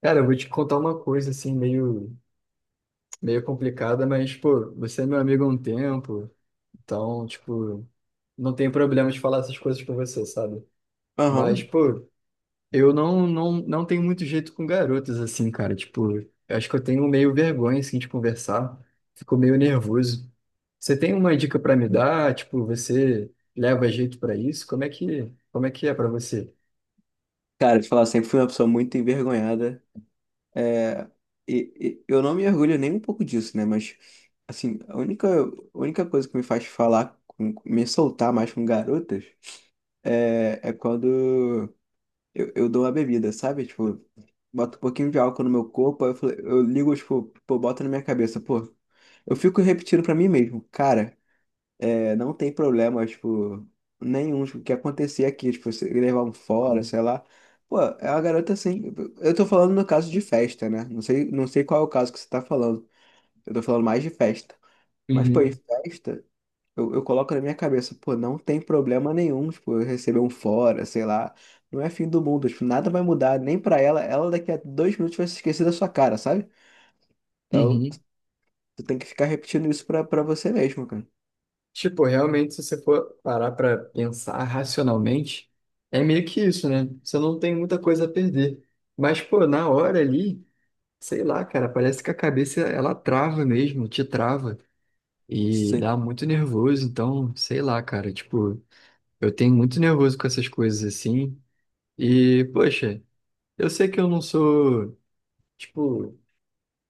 Cara, eu vou te contar uma coisa assim, meio, meio complicada, mas, pô, você é meu amigo há um tempo, então, tipo, não tem problema de falar essas coisas com você, sabe? Mas, Aham. pô, eu não tenho muito jeito com garotas assim, cara. Tipo, eu acho que eu tenho meio vergonha, assim, de conversar, fico meio nervoso. Você tem uma dica pra me dar? Tipo, você leva jeito pra isso? Como é que é pra você? Cara, te falar, sempre fui uma pessoa muito envergonhada. É, e eu não me orgulho nem um pouco disso, né? Mas, assim, a única coisa que me faz me soltar mais com garotas, é quando eu dou uma bebida, sabe? Tipo, boto um pouquinho de álcool no meu corpo, eu ligo, tipo, pô, bota na minha cabeça, pô. Eu fico repetindo pra mim mesmo, cara. É, não tem problema, tipo, nenhum, tipo, o que acontecer aqui, tipo, você levar um fora, sei lá. Pô, é uma garota assim. Eu tô falando no caso de festa, né? Não sei, não sei qual é o caso que você tá falando. Eu tô falando mais de festa. Mas, pô, em Uhum. festa, eu coloco na minha cabeça, pô, não tem problema nenhum, tipo, eu receber um fora, sei lá. Não é fim do mundo, tipo, nada vai mudar, nem pra ela. Ela daqui a 2 minutos vai se esquecer da sua cara, sabe? Então, Uhum. tu tem que ficar repetindo isso pra você mesmo, cara. Tipo, realmente, se você for parar pra pensar racionalmente, é meio que isso, né? Você não tem muita coisa a perder. Mas, pô, na hora ali, sei lá, cara, parece que a cabeça ela trava mesmo, te trava e Sim. dá muito nervoso. Então, sei lá, cara, tipo, eu tenho muito nervoso com essas coisas assim. E, poxa, eu sei que eu não sou, tipo,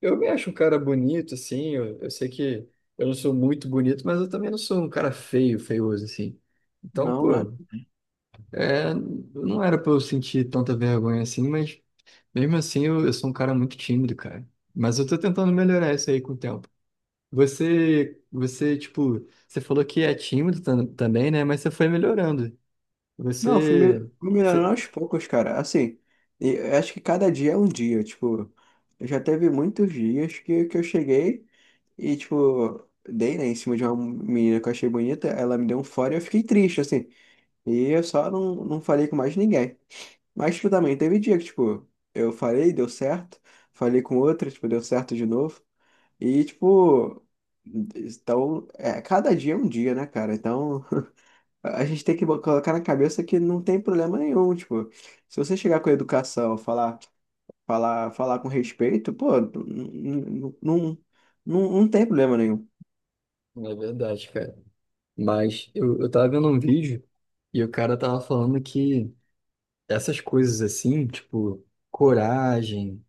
eu me acho um cara bonito, assim. Eu sei que eu não sou muito bonito, mas eu também não sou um cara feio, feioso, assim. Então, Não, né? pô, é, não era pra eu sentir tanta vergonha assim, mas mesmo assim eu sou um cara muito tímido, cara. Mas eu tô tentando melhorar isso aí com o tempo. Você, você, tipo, você falou que é tímido também, né? Mas você foi melhorando. Não, Você, fui melhorando você... aos poucos, cara. Assim, e eu acho que cada dia é um dia. Tipo, já teve muitos dias que eu cheguei e, tipo, dei, né, em cima de uma menina que eu achei bonita. Ela me deu um fora e eu fiquei triste, assim. E eu só não falei com mais ninguém. Mas, tipo, também teve dia que, tipo, eu falei, deu certo. Falei com outra, tipo, deu certo de novo. E, tipo, então, é, cada dia é um dia, né, cara? Então, a gente tem que colocar na cabeça que não tem problema nenhum, tipo, se você chegar com a educação, falar com respeito, pô, não, não tem problema nenhum. é verdade, cara. Mas eu tava vendo um vídeo e o cara tava falando que. Essas coisas assim, tipo coragem,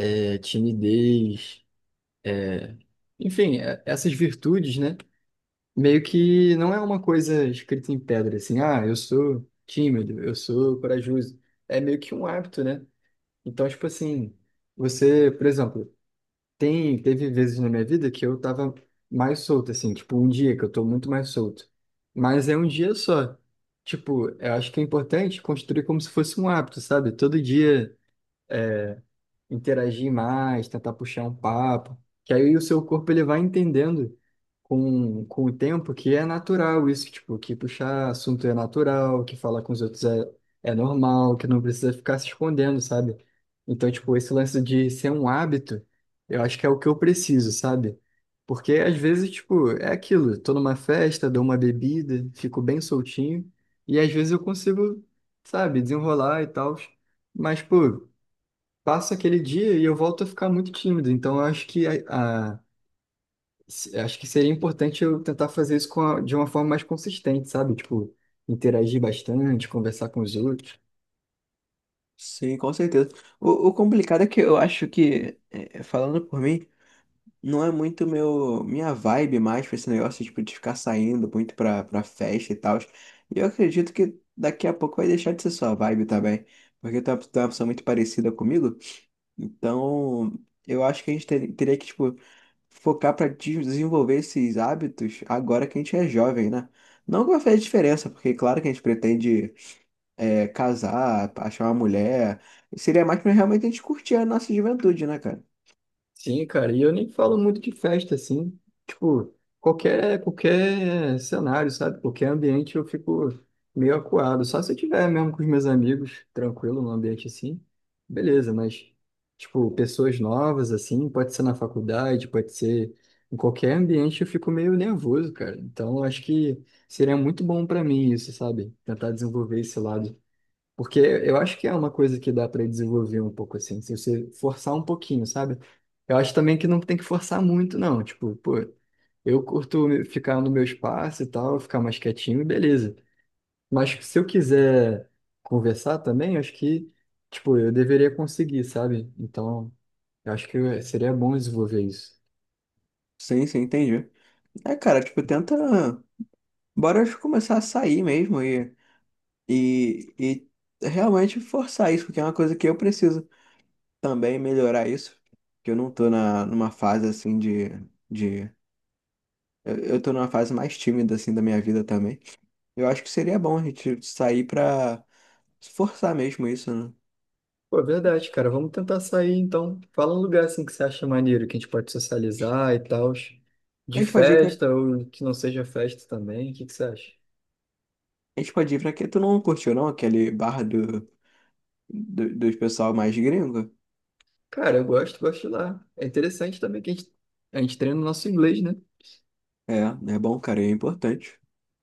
timidez, enfim, essas virtudes, né? Meio que não é uma coisa escrita em pedra, assim, ah, eu sou tímido, eu sou corajoso. É meio que um hábito, né? Então, tipo assim, você, por exemplo, teve vezes na minha vida que eu tava mais solto, assim, tipo um dia que eu tô muito mais solto. Mas é um dia só. Tipo, eu acho que é importante construir como se fosse um hábito, sabe? Todo dia. Interagir mais, tentar puxar um papo, que aí o seu corpo ele vai entendendo com o tempo que é natural isso, tipo, que puxar assunto é natural, que falar com os outros é, é normal, que não precisa ficar se escondendo, sabe? Então, tipo, esse lance de ser um hábito, eu acho que é o que eu preciso, sabe? Porque às vezes, tipo, é aquilo, tô numa festa, dou uma bebida, fico bem soltinho, e às vezes eu consigo, sabe, desenrolar e tal. Mas, pô, passa aquele dia e eu volto a ficar muito tímido. Então, eu acho que a- acho que seria importante eu tentar fazer isso de uma forma mais consistente, sabe? Tipo, interagir bastante, conversar com os outros. Sim, com certeza. O complicado é que eu acho que, falando por mim, não é muito meu, minha vibe mais pra esse negócio, tipo, de ficar saindo muito pra festa e tal. E eu acredito que daqui a pouco vai deixar de ser sua vibe também, porque tu é uma pessoa muito parecida comigo. Então, eu acho que teria que, tipo, focar para desenvolver esses hábitos agora que a gente é jovem, né? Não que vai fazer diferença, porque claro que a gente pretende casar, achar uma mulher. Seria mais pra realmente a gente curtir a nossa juventude, né, cara? Sim, cara, e eu nem falo muito de festa, assim, tipo, qualquer cenário, sabe, qualquer ambiente eu fico meio acuado, só se eu tiver mesmo com os meus amigos, tranquilo, num ambiente assim, beleza, mas, tipo, pessoas novas, assim, pode ser na faculdade, pode ser em qualquer ambiente, eu fico meio nervoso, cara, então eu acho que seria muito bom pra mim isso, sabe, tentar desenvolver esse lado. Porque eu acho que é uma coisa que dá para desenvolver um pouco assim, se você forçar um pouquinho, sabe? Eu acho também que não tem que forçar muito, não. Tipo, pô, eu curto ficar no meu espaço e tal, ficar mais quietinho, beleza. Mas se eu quiser conversar também, acho que, tipo, eu deveria conseguir, sabe? Então, eu acho que seria bom desenvolver isso. Sim, sim, entendi. É, cara, tipo, tenta. Bora começar a sair mesmo e realmente forçar isso, porque é uma coisa que eu preciso também melhorar isso. Que eu não tô numa fase assim de. De eu tô numa fase mais tímida, assim, da minha vida também. Eu acho que seria bom a gente sair pra forçar mesmo isso, né? Pô, é verdade, cara. Vamos tentar sair então. Fala um lugar assim que você acha maneiro, que a gente pode socializar e tal. A De gente pode ir festa pra... ou que não seja festa também. O que que você acha? A gente pode ir pra que tu não curtiu, não? Aquele bar dos pessoal mais gringo? Cara, eu gosto, gosto de lá. É interessante também que a gente treina o nosso inglês, né? É, é bom, cara, é importante.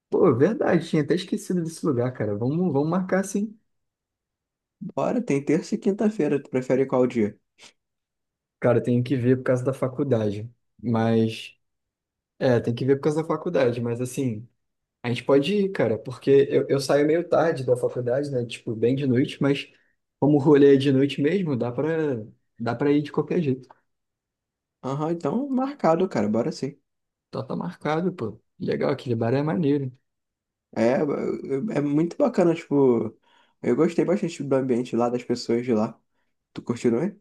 Pô, é verdade, tinha até esquecido desse lugar, cara. Vamos marcar sim. Bora, tem terça e quinta-feira. Tu prefere qual dia? Cara, eu tenho que ver por causa da faculdade. Mas. É, tem que ver por causa da faculdade, mas assim. A gente pode ir, cara, porque eu saio meio tarde da faculdade, né? Tipo, bem de noite, mas como o rolê é de noite mesmo, dá pra ir de qualquer jeito. Aham, então marcado, cara, bora sim. Então tá marcado, pô. Legal, aquele bar é maneiro. É, é é muito bacana, tipo... Eu gostei bastante do ambiente lá, das pessoas de lá. Tu curtiu, não é?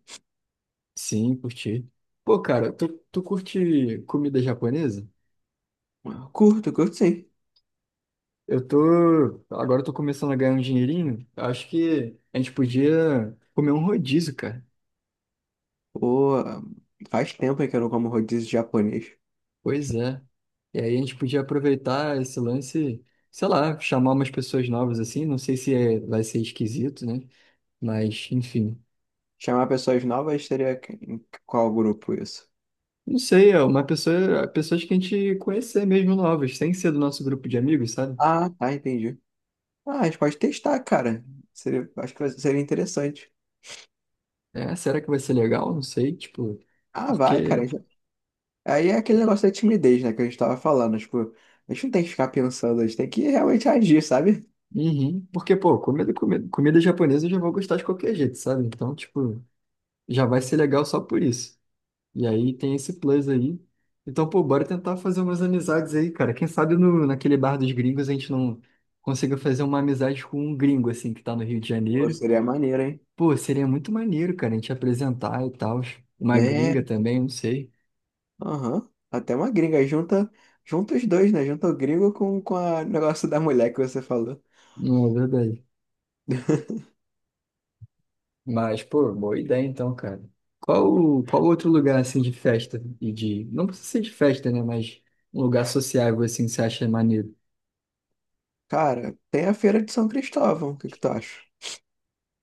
Sim, curti. Pô, cara, tu curte comida japonesa? Curto, curto sim. Eu tô. Agora eu tô começando a ganhar um dinheirinho. Eu Acho que a gente podia comer um rodízio, cara. Pô, faz tempo que eu não como rodízio japonês. Pois é. E aí a gente podia aproveitar esse lance, sei lá, chamar umas pessoas novas assim. Não sei se é- vai ser esquisito, né? Mas, enfim. Chamar pessoas novas seria em qual grupo isso? Não sei, é pessoas que a gente conhecer mesmo novas, sem ser do nosso grupo de amigos, sabe? Ah, tá, entendi. Ah, a gente pode testar, cara. Seria, acho seria interessante. É, será que vai ser legal? Não sei, tipo, Ah, vai, porque. cara. Já. Aí é aquele negócio da timidez, né, que a gente tava falando. Tipo, a gente não tem que ficar pensando, a gente tem que realmente agir, sabe? Uhum. Porque, pô, comida japonesa eu já vou gostar de qualquer jeito, sabe? Então, tipo, já vai ser legal só por isso. E aí tem esse plus aí. Então, pô, bora tentar fazer umas amizades aí, cara. Quem sabe no, naquele bar dos gringos a gente não consiga fazer uma amizade com um gringo, assim, que tá no Rio de Pô, Janeiro. seria maneiro, hein? Pô, seria muito maneiro, cara, a gente apresentar e tal. Uma É, gringa também, não sei. aham. Até uma gringa. Junta os dois, né? Junta o gringo o negócio da mulher que você falou. Não é verdade. Mas, pô, boa ideia então, cara. Qual outro lugar, assim, de festa e de... Não precisa ser de festa, né? Mas um lugar sociável, assim, que você acha maneiro? Cara, tem a feira de São Cristóvão. O que que tu acha?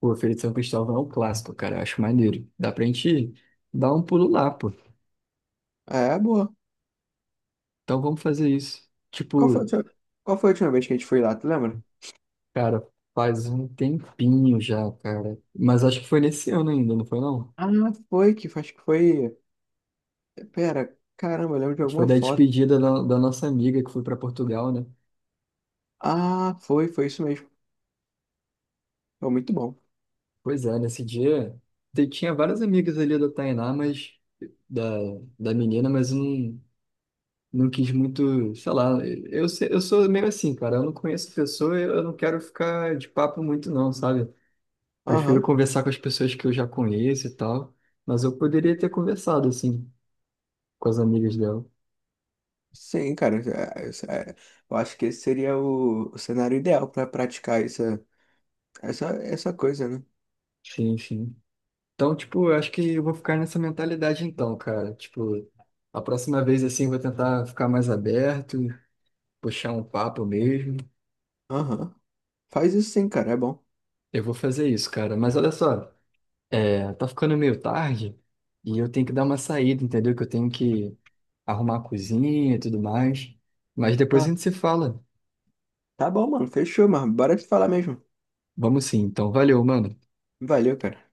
Pô, Feira de São Cristóvão é um clássico, cara. Eu acho maneiro. Dá pra gente dar um pulo lá, pô. É, boa. Então vamos fazer isso. Qual foi a Tipo, última, qual foi a última vez que a gente foi lá, tu lembra? cara, faz um tempinho já, cara. Mas acho que foi nesse ano ainda, não foi não? Ah, foi que acho que foi. Pera, caramba, eu lembro de Foi alguma da foto. despedida da nossa amiga que foi pra Portugal, né? Ah, foi isso mesmo. Foi muito bom. Pois é, nesse dia tinha várias amigas ali da Tainá, mas da, da menina, mas eu não, não quis muito, sei lá, eu, se- eu sou meio assim, cara. Eu não conheço pessoa, eu não quero ficar de papo muito, não, sabe? Prefiro Aham. conversar com as pessoas que eu já conheço e tal, mas eu poderia ter conversado, assim, com as amigas dela. Sim, cara. É- eu acho que esse seria o cenário ideal pra praticar essa coisa, né? Sim, sim. Então, tipo, eu acho que eu vou ficar nessa mentalidade então, cara. Tipo, a próxima vez, assim, eu vou tentar ficar mais aberto, puxar um papo mesmo. Aham. Faz isso sim, cara. É bom. Eu vou fazer isso, cara. Mas olha só, é, tá ficando meio tarde e eu tenho que dar uma saída, entendeu? Que eu tenho que arrumar a cozinha e tudo mais. Mas depois a Tá, gente se fala. tá bom, mano. Fechou, mano. Bora te falar mesmo. Vamos sim, então. Valeu, mano. Valeu, cara.